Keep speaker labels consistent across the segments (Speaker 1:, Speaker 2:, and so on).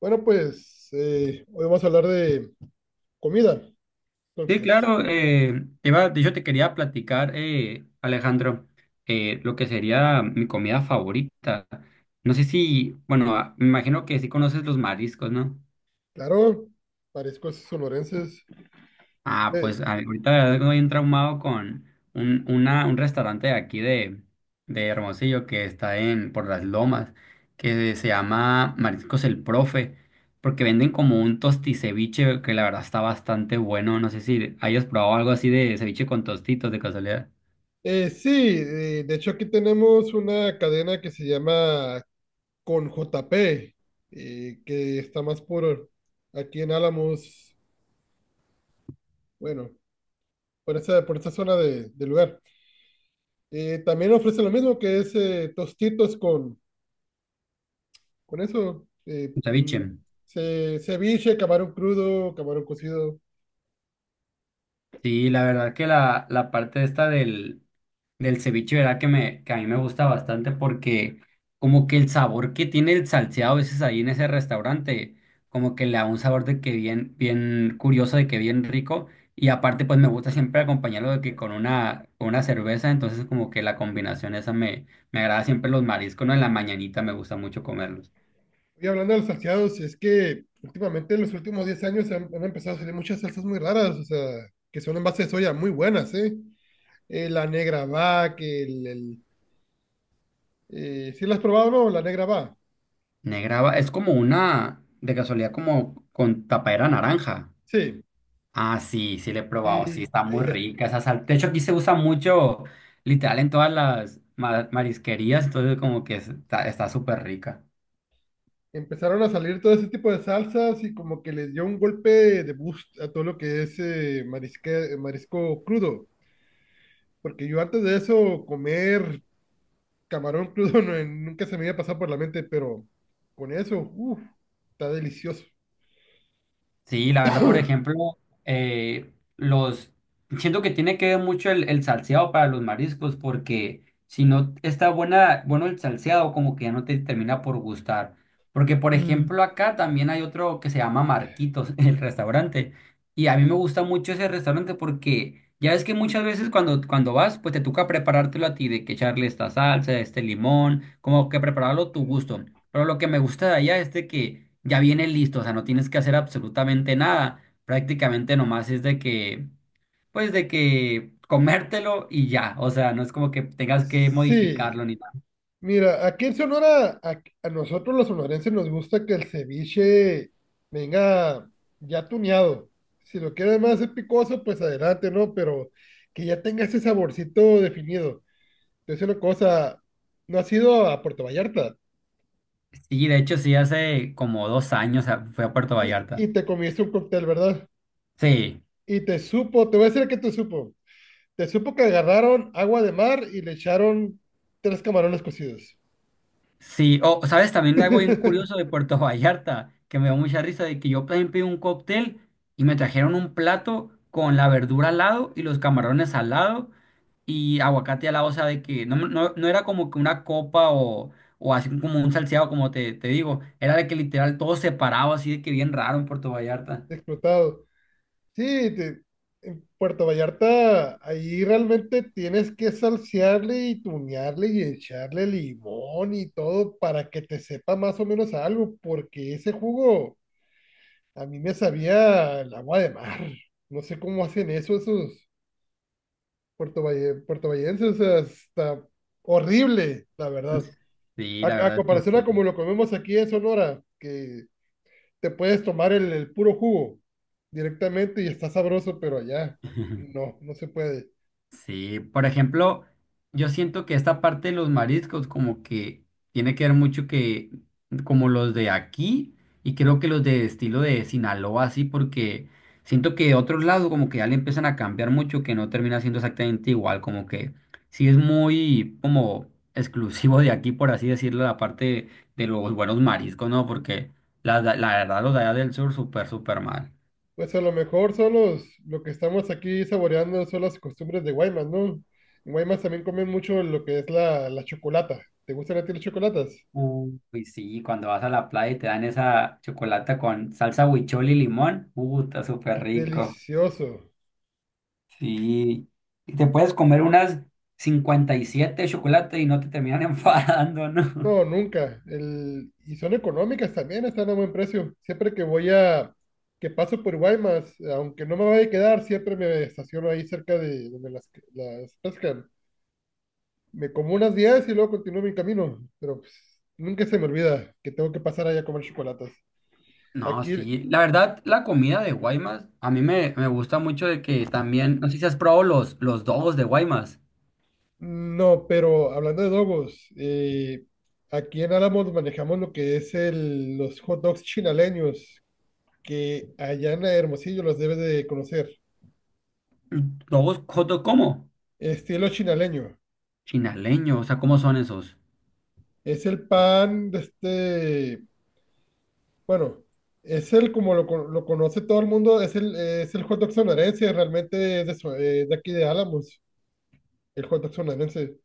Speaker 1: Bueno, pues hoy vamos a hablar de comida.
Speaker 2: Sí,
Speaker 1: Entonces,
Speaker 2: claro, iba, de hecho te quería platicar, Alejandro, lo que sería mi comida favorita. No sé si, bueno, me imagino que sí conoces los mariscos, ¿no?
Speaker 1: claro, mariscos sonorenses.
Speaker 2: Ah,
Speaker 1: Eh,
Speaker 2: pues ahorita la verdad que estoy bien traumado con un restaurante de aquí de Hermosillo que está en por las Lomas, que se llama Mariscos el Profe, porque venden como un tosticeviche que la verdad está bastante bueno. No sé si hayas probado algo así de ceviche con tostitos de casualidad.
Speaker 1: eh, sí, de hecho aquí tenemos una cadena que se llama Con JP, que está más por aquí en Álamos, bueno, por esa zona del lugar. También ofrece lo mismo que es tostitos con eso,
Speaker 2: Ceviche.
Speaker 1: ceviche, camarón crudo, camarón cocido.
Speaker 2: Sí, la verdad que la parte esta del ceviche, verdad que me, que a mí me gusta bastante porque como que el sabor que tiene el salseado a veces ahí en ese restaurante, como que le da un sabor de que bien, bien curioso, de que bien rico. Y aparte, pues me gusta siempre acompañarlo de que con una cerveza, entonces como que la combinación esa me agrada siempre los mariscos, ¿no? En la mañanita me gusta mucho comerlos.
Speaker 1: Y hablando de los salteados, es que últimamente en los últimos 10 años han empezado a salir muchas salsas muy raras, o sea, que son en base de soya muy buenas, ¿eh? La negra va, ¿sí la has probado o no? La negra va,
Speaker 2: Negraba, es como una, de casualidad, como con tapadera naranja.
Speaker 1: sí.
Speaker 2: Ah, sí, sí le he probado, sí,
Speaker 1: Y
Speaker 2: está muy
Speaker 1: ella-
Speaker 2: rica esa sal. De hecho, aquí se usa mucho, literal, en todas las marisquerías, entonces como que está súper rica.
Speaker 1: Empezaron a salir todo ese tipo de salsas y como que les dio un golpe de boost a todo lo que es marisco crudo, porque yo antes de eso comer camarón crudo nunca se me había pasado por la mente, pero con eso, uff, está delicioso.
Speaker 2: Sí, la verdad, por ejemplo, los siento que tiene que ver mucho el salseado para los mariscos, porque si no está buena, bueno el salseado, como que ya no te termina por gustar. Porque, por ejemplo, acá también hay otro que se llama Marquitos, el restaurante. Y a mí me gusta mucho ese restaurante porque ya ves que muchas veces cuando vas, pues te toca preparártelo a ti, de que echarle esta salsa, este limón, como que prepararlo a tu gusto. Pero lo que me gusta de allá es de que ya viene listo, o sea, no tienes que hacer absolutamente nada. Prácticamente nomás es de que, pues de que comértelo y ya. O sea, no es como que tengas que
Speaker 1: Sí,
Speaker 2: modificarlo ni nada.
Speaker 1: mira, aquí en Sonora, a nosotros los sonorenses nos gusta que el ceviche venga ya tuneado. Si lo quieres más picoso, pues adelante, ¿no? Pero que ya tenga ese saborcito definido. Es una cosa, no has ido a Puerto Vallarta
Speaker 2: Sí, de hecho, sí, hace como dos años fui a Puerto Vallarta.
Speaker 1: y te comiste un cóctel, ¿verdad?
Speaker 2: Sí,
Speaker 1: Y te supo, te voy a decir que te supo. Te supo que agarraron agua de mar y le echaron 3 camarones cocidos.
Speaker 2: sí. O, ¿sabes? También algo bien curioso de Puerto Vallarta, que me dio mucha risa, de que yo también pedí un cóctel y me trajeron un plato con la verdura al lado y los camarones al lado, y aguacate al lado, o sea, de que no, no, no era como que una copa o así como un salseado, como te digo, era de que literal todo separado, así de que bien raro en Puerto Vallarta.
Speaker 1: Explotado. Sí, te- en Puerto Vallarta, ahí realmente tienes que salsearle y tunearle y echarle limón y todo para que te sepa más o menos algo, porque ese jugo a mí me sabía el agua de mar. No sé cómo hacen eso esos puertovallenses, o sea, está horrible, la verdad.
Speaker 2: Sí, la
Speaker 1: A
Speaker 2: verdad es que
Speaker 1: comparación a como
Speaker 2: sí.
Speaker 1: lo comemos aquí en Sonora, que te puedes tomar el puro jugo directamente y está sabroso, pero allá no, no se puede.
Speaker 2: Sí, por ejemplo, yo siento que esta parte de los mariscos como que tiene que ver mucho que como los de aquí y creo que los de estilo de Sinaloa así porque siento que de otros lados como que ya le empiezan a cambiar mucho que no termina siendo exactamente igual, como que sí es muy como exclusivo de aquí por así decirlo la parte de los buenos mariscos, ¿no? Porque la verdad los de allá del sur súper súper mal.
Speaker 1: Pues a lo mejor son los, lo que estamos aquí saboreando son las costumbres de Guaymas, ¿no? En Guaymas también comen mucho lo que es la chocolata. ¿Te gustan a ti las chocolatas?
Speaker 2: Uy, pues sí, cuando vas a la playa y te dan esa chocolata con salsa huichol y limón, está súper rico.
Speaker 1: Delicioso.
Speaker 2: Sí, y te puedes comer unas 57 chocolates y no te terminan enfadando, ¿no?
Speaker 1: No, nunca. El, y son económicas también, están a buen precio. Siempre que voy a, que paso por Guaymas, aunque no me vaya a quedar, siempre me estaciono ahí cerca de donde las pescan. Me como unas 10 y luego continúo mi camino, pero pues, nunca se me olvida que tengo que pasar allá a comer chocolates.
Speaker 2: No,
Speaker 1: Aquí,
Speaker 2: sí, la verdad, la comida de Guaymas, a mí me gusta mucho de que también, no sé si has probado los dogos de Guaymas.
Speaker 1: no, pero hablando de dogos, aquí en Álamos manejamos lo que es los hot dogs chinaleños, que allá en Hermosillo los debes de conocer.
Speaker 2: ¿Dogos cómo?
Speaker 1: Estilo chinaleño.
Speaker 2: Chinaleño, o sea, ¿cómo son esos?
Speaker 1: Es el pan de este, bueno, es el como lo conoce todo el mundo, es es el hot dog sonorense, realmente es de aquí de Álamos, el hot dog sonorense.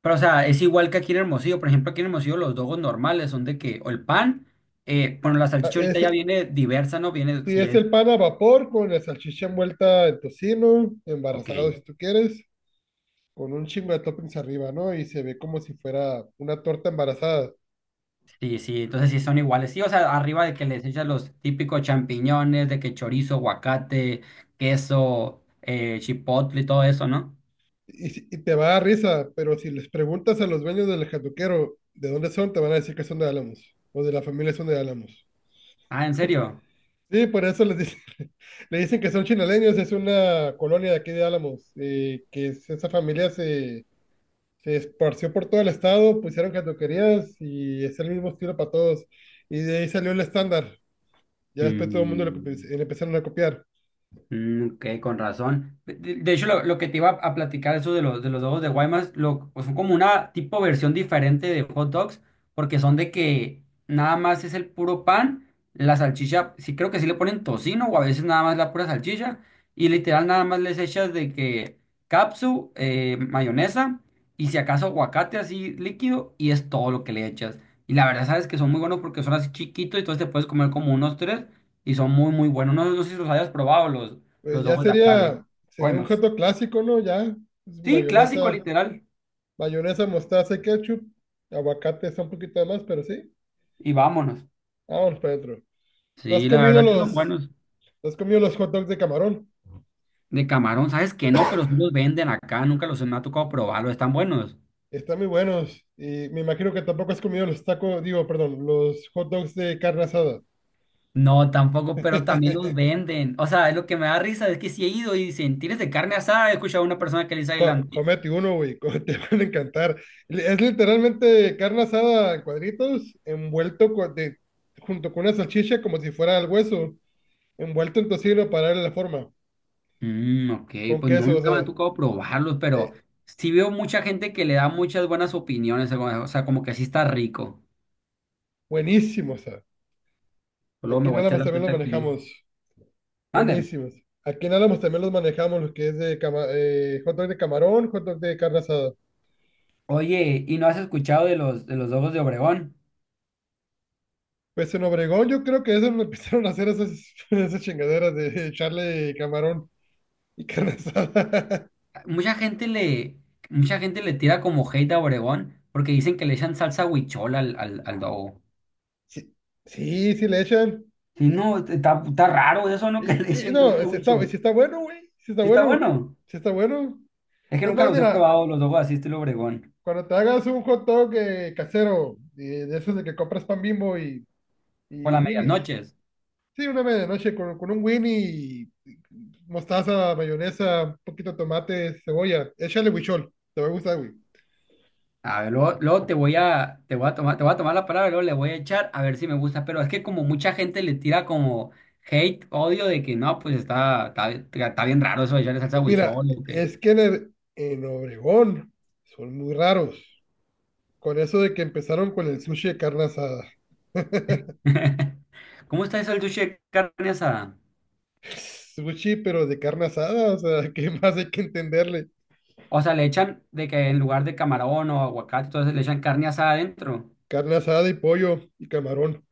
Speaker 2: Pero, o sea, es igual que aquí en Hermosillo. Por ejemplo, aquí en Hermosillo los dogos normales son de que, o el pan, bueno, la
Speaker 1: Ah,
Speaker 2: salchicha ahorita
Speaker 1: Es,
Speaker 2: ya viene diversa, ¿no? Viene,
Speaker 1: sí,
Speaker 2: si
Speaker 1: es
Speaker 2: es,
Speaker 1: el pan a vapor con la salchicha envuelta en tocino,
Speaker 2: ok,
Speaker 1: embarazado si tú quieres, con un chingo de toppings arriba, ¿no? Y se ve como si fuera una torta embarazada.
Speaker 2: sí, sí, entonces sí son iguales. Sí, o sea, arriba de que les echas los típicos champiñones, de que chorizo, aguacate, queso, chipotle y todo eso, ¿no?
Speaker 1: Y, si- Y te va a dar risa, pero si les preguntas a los dueños del jatuquero de dónde son, te van a decir que son de Álamos, o de la familia son de Álamos.
Speaker 2: Ah, ¿en serio?
Speaker 1: Sí, por eso les dicen, le dicen que son chinaleños, es una colonia de aquí de Álamos, esa familia se Se esparció por todo el estado, pusieron cantoquerías y es el mismo estilo para todos. Y de ahí salió el estándar. Ya después todo el mundo
Speaker 2: Mm.
Speaker 1: le empezaron a copiar.
Speaker 2: Mm, ok, con razón. De, de hecho, lo que te iba a platicar, eso de de los dogos de Guaymas, lo, pues, son como una tipo versión diferente de hot dogs, porque son de que nada más es el puro pan, la salchicha, sí creo que sí le ponen tocino o a veces nada más la pura salchicha, y literal nada más les echas de que mayonesa, y si acaso aguacate así líquido, y es todo lo que le echas. Y la verdad, sabes que son muy buenos porque son así chiquitos, y entonces te puedes comer como unos tres, y son muy, muy buenos. No, no sé si los hayas probado los.
Speaker 1: Pues
Speaker 2: Los
Speaker 1: ya
Speaker 2: ojos de acá de
Speaker 1: sería, sería un hot
Speaker 2: Guaymas.
Speaker 1: dog clásico, ¿no? Ya, pues,
Speaker 2: Sí, clásico
Speaker 1: mayonesa,
Speaker 2: literal.
Speaker 1: mayonesa, mostaza y ketchup. Aguacate está un poquito de más, pero sí.
Speaker 2: Y vámonos.
Speaker 1: Vámonos para adentro. ¿No has
Speaker 2: Sí, la
Speaker 1: comido
Speaker 2: verdad que son
Speaker 1: los,
Speaker 2: buenos.
Speaker 1: ¿no has comido los hot dogs de camarón?
Speaker 2: De camarón, sabes que no, pero sí los venden acá. Nunca los me ha tocado probarlos. Están buenos.
Speaker 1: Están muy buenos. Y me imagino que tampoco has comido los tacos, digo, perdón, los hot dogs de carne asada.
Speaker 2: No, tampoco, pero también los venden. O sea, es lo que me da risa es que si he ido y dicen, ¿tienes de carne asada? He escuchado a una persona que le dice adelante.
Speaker 1: Comete uno, güey, te van a encantar. Es literalmente carne asada en cuadritos, junto con una salchicha como si fuera el hueso, envuelto en tocino para darle la forma,
Speaker 2: Mm, ok,
Speaker 1: con
Speaker 2: pues no,
Speaker 1: queso, o
Speaker 2: nunca me ha
Speaker 1: sea,
Speaker 2: tocado probarlos,
Speaker 1: eh,
Speaker 2: pero sí veo mucha gente que le da muchas buenas opiniones. O sea, como que sí está rico.
Speaker 1: buenísimo, o sea.
Speaker 2: Luego me
Speaker 1: Aquí
Speaker 2: voy a
Speaker 1: nada
Speaker 2: echar
Speaker 1: más
Speaker 2: la
Speaker 1: también los
Speaker 2: vuelta aquí.
Speaker 1: manejamos,
Speaker 2: Mande.
Speaker 1: buenísimos. Aquí nada más también los manejamos, los que es hot dog de camarón, hot dog de carne asada.
Speaker 2: Oye, ¿y no has escuchado de los Lobos de Obregón?
Speaker 1: Pues en Obregón yo creo que eso lo empezaron a hacer esas, esas chingaderas de echarle camarón y carne asada.
Speaker 2: Mucha gente le mucha gente le tira como hate a Obregón porque dicen que le echan salsa huichol al al Dogo.
Speaker 1: Sí, sí, sí le echan.
Speaker 2: Sí, no, está, está raro eso, ¿no? Que
Speaker 1: Y,
Speaker 2: le
Speaker 1: y
Speaker 2: echen
Speaker 1: no,
Speaker 2: salsa
Speaker 1: si está, si
Speaker 2: huichol.
Speaker 1: está bueno, güey. Si está
Speaker 2: Sí está
Speaker 1: bueno.
Speaker 2: bueno.
Speaker 1: Si está bueno.
Speaker 2: Es que
Speaker 1: Es
Speaker 2: nunca
Speaker 1: más,
Speaker 2: los he
Speaker 1: mira,
Speaker 2: probado los Dogos así estilo Obregón
Speaker 1: cuando te hagas un hot dog casero, de esos de que compras pan Bimbo
Speaker 2: con
Speaker 1: y
Speaker 2: las
Speaker 1: Winnie's.
Speaker 2: medianoches.
Speaker 1: Sí, una medianoche con un Winnie y mostaza, mayonesa, un poquito de tomate, cebolla. Échale huichol. Te va a gustar, güey.
Speaker 2: A ver, luego, luego te voy a tomar te voy a tomar la palabra, y luego le voy a echar a ver si me gusta, pero es que como mucha gente le tira como hate, odio de que no, pues está bien raro eso de echarle salsa
Speaker 1: Mira,
Speaker 2: huichol o que
Speaker 1: es que en, en Obregón son muy raros. Con eso de que empezaron con el sushi de carne asada.
Speaker 2: ¿Cómo está eso el sushi de carne asada?
Speaker 1: Pues pues sí, pero de carne asada, o sea, ¿qué más hay que entenderle?
Speaker 2: O sea, le echan de que en lugar de camarón o aguacate, entonces le echan carne asada adentro.
Speaker 1: Carne asada y pollo y camarón.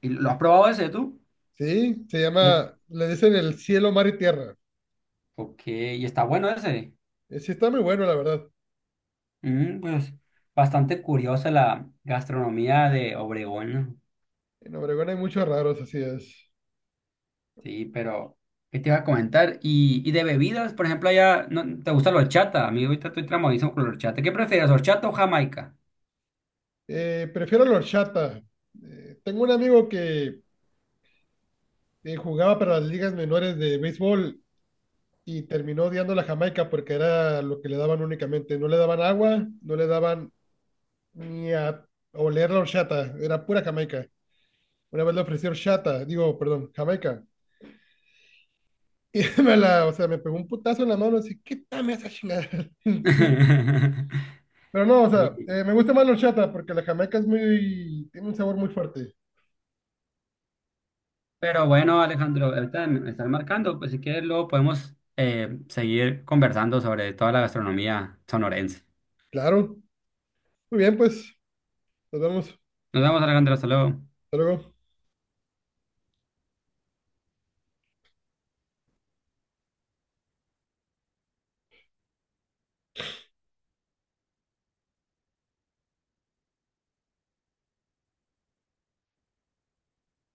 Speaker 2: ¿Y lo has probado ese tú?
Speaker 1: Sí, se
Speaker 2: Eh,
Speaker 1: llama, le dicen el cielo, mar y tierra.
Speaker 2: Ok, y está bueno ese.
Speaker 1: Sí, está muy bueno, la verdad.
Speaker 2: Mm, pues bastante curiosa la gastronomía de Obregón, ¿no?
Speaker 1: En Obregón hay muchos raros, así es.
Speaker 2: Sí, pero ¿qué te iba a comentar? Y de bebidas, por ejemplo, allá no, ¿te gusta la horchata? A mí ahorita estoy tramadísimo con la horchata. ¿Qué prefieres, horchata o jamaica?
Speaker 1: Prefiero la horchata. Tengo un amigo que jugaba para las ligas menores de béisbol y terminó odiando la Jamaica porque era lo que le daban únicamente. No le daban agua, no le daban ni a oler la horchata, era pura Jamaica. Una vez le ofreció horchata, digo, perdón, Jamaica. Y me la, o sea, me pegó un putazo en la mano, así, qué quítame esa chingada encima. Pero no, o
Speaker 2: Sí.
Speaker 1: sea, me gusta más la horchata porque la jamaica es muy, tiene un sabor muy fuerte.
Speaker 2: Pero bueno, Alejandro, ahorita me están marcando, pues si quieres luego podemos seguir conversando sobre toda la gastronomía sonorense.
Speaker 1: Claro. Muy bien, pues, nos vemos. Hasta
Speaker 2: Nos vemos, Alejandro, hasta luego.
Speaker 1: luego.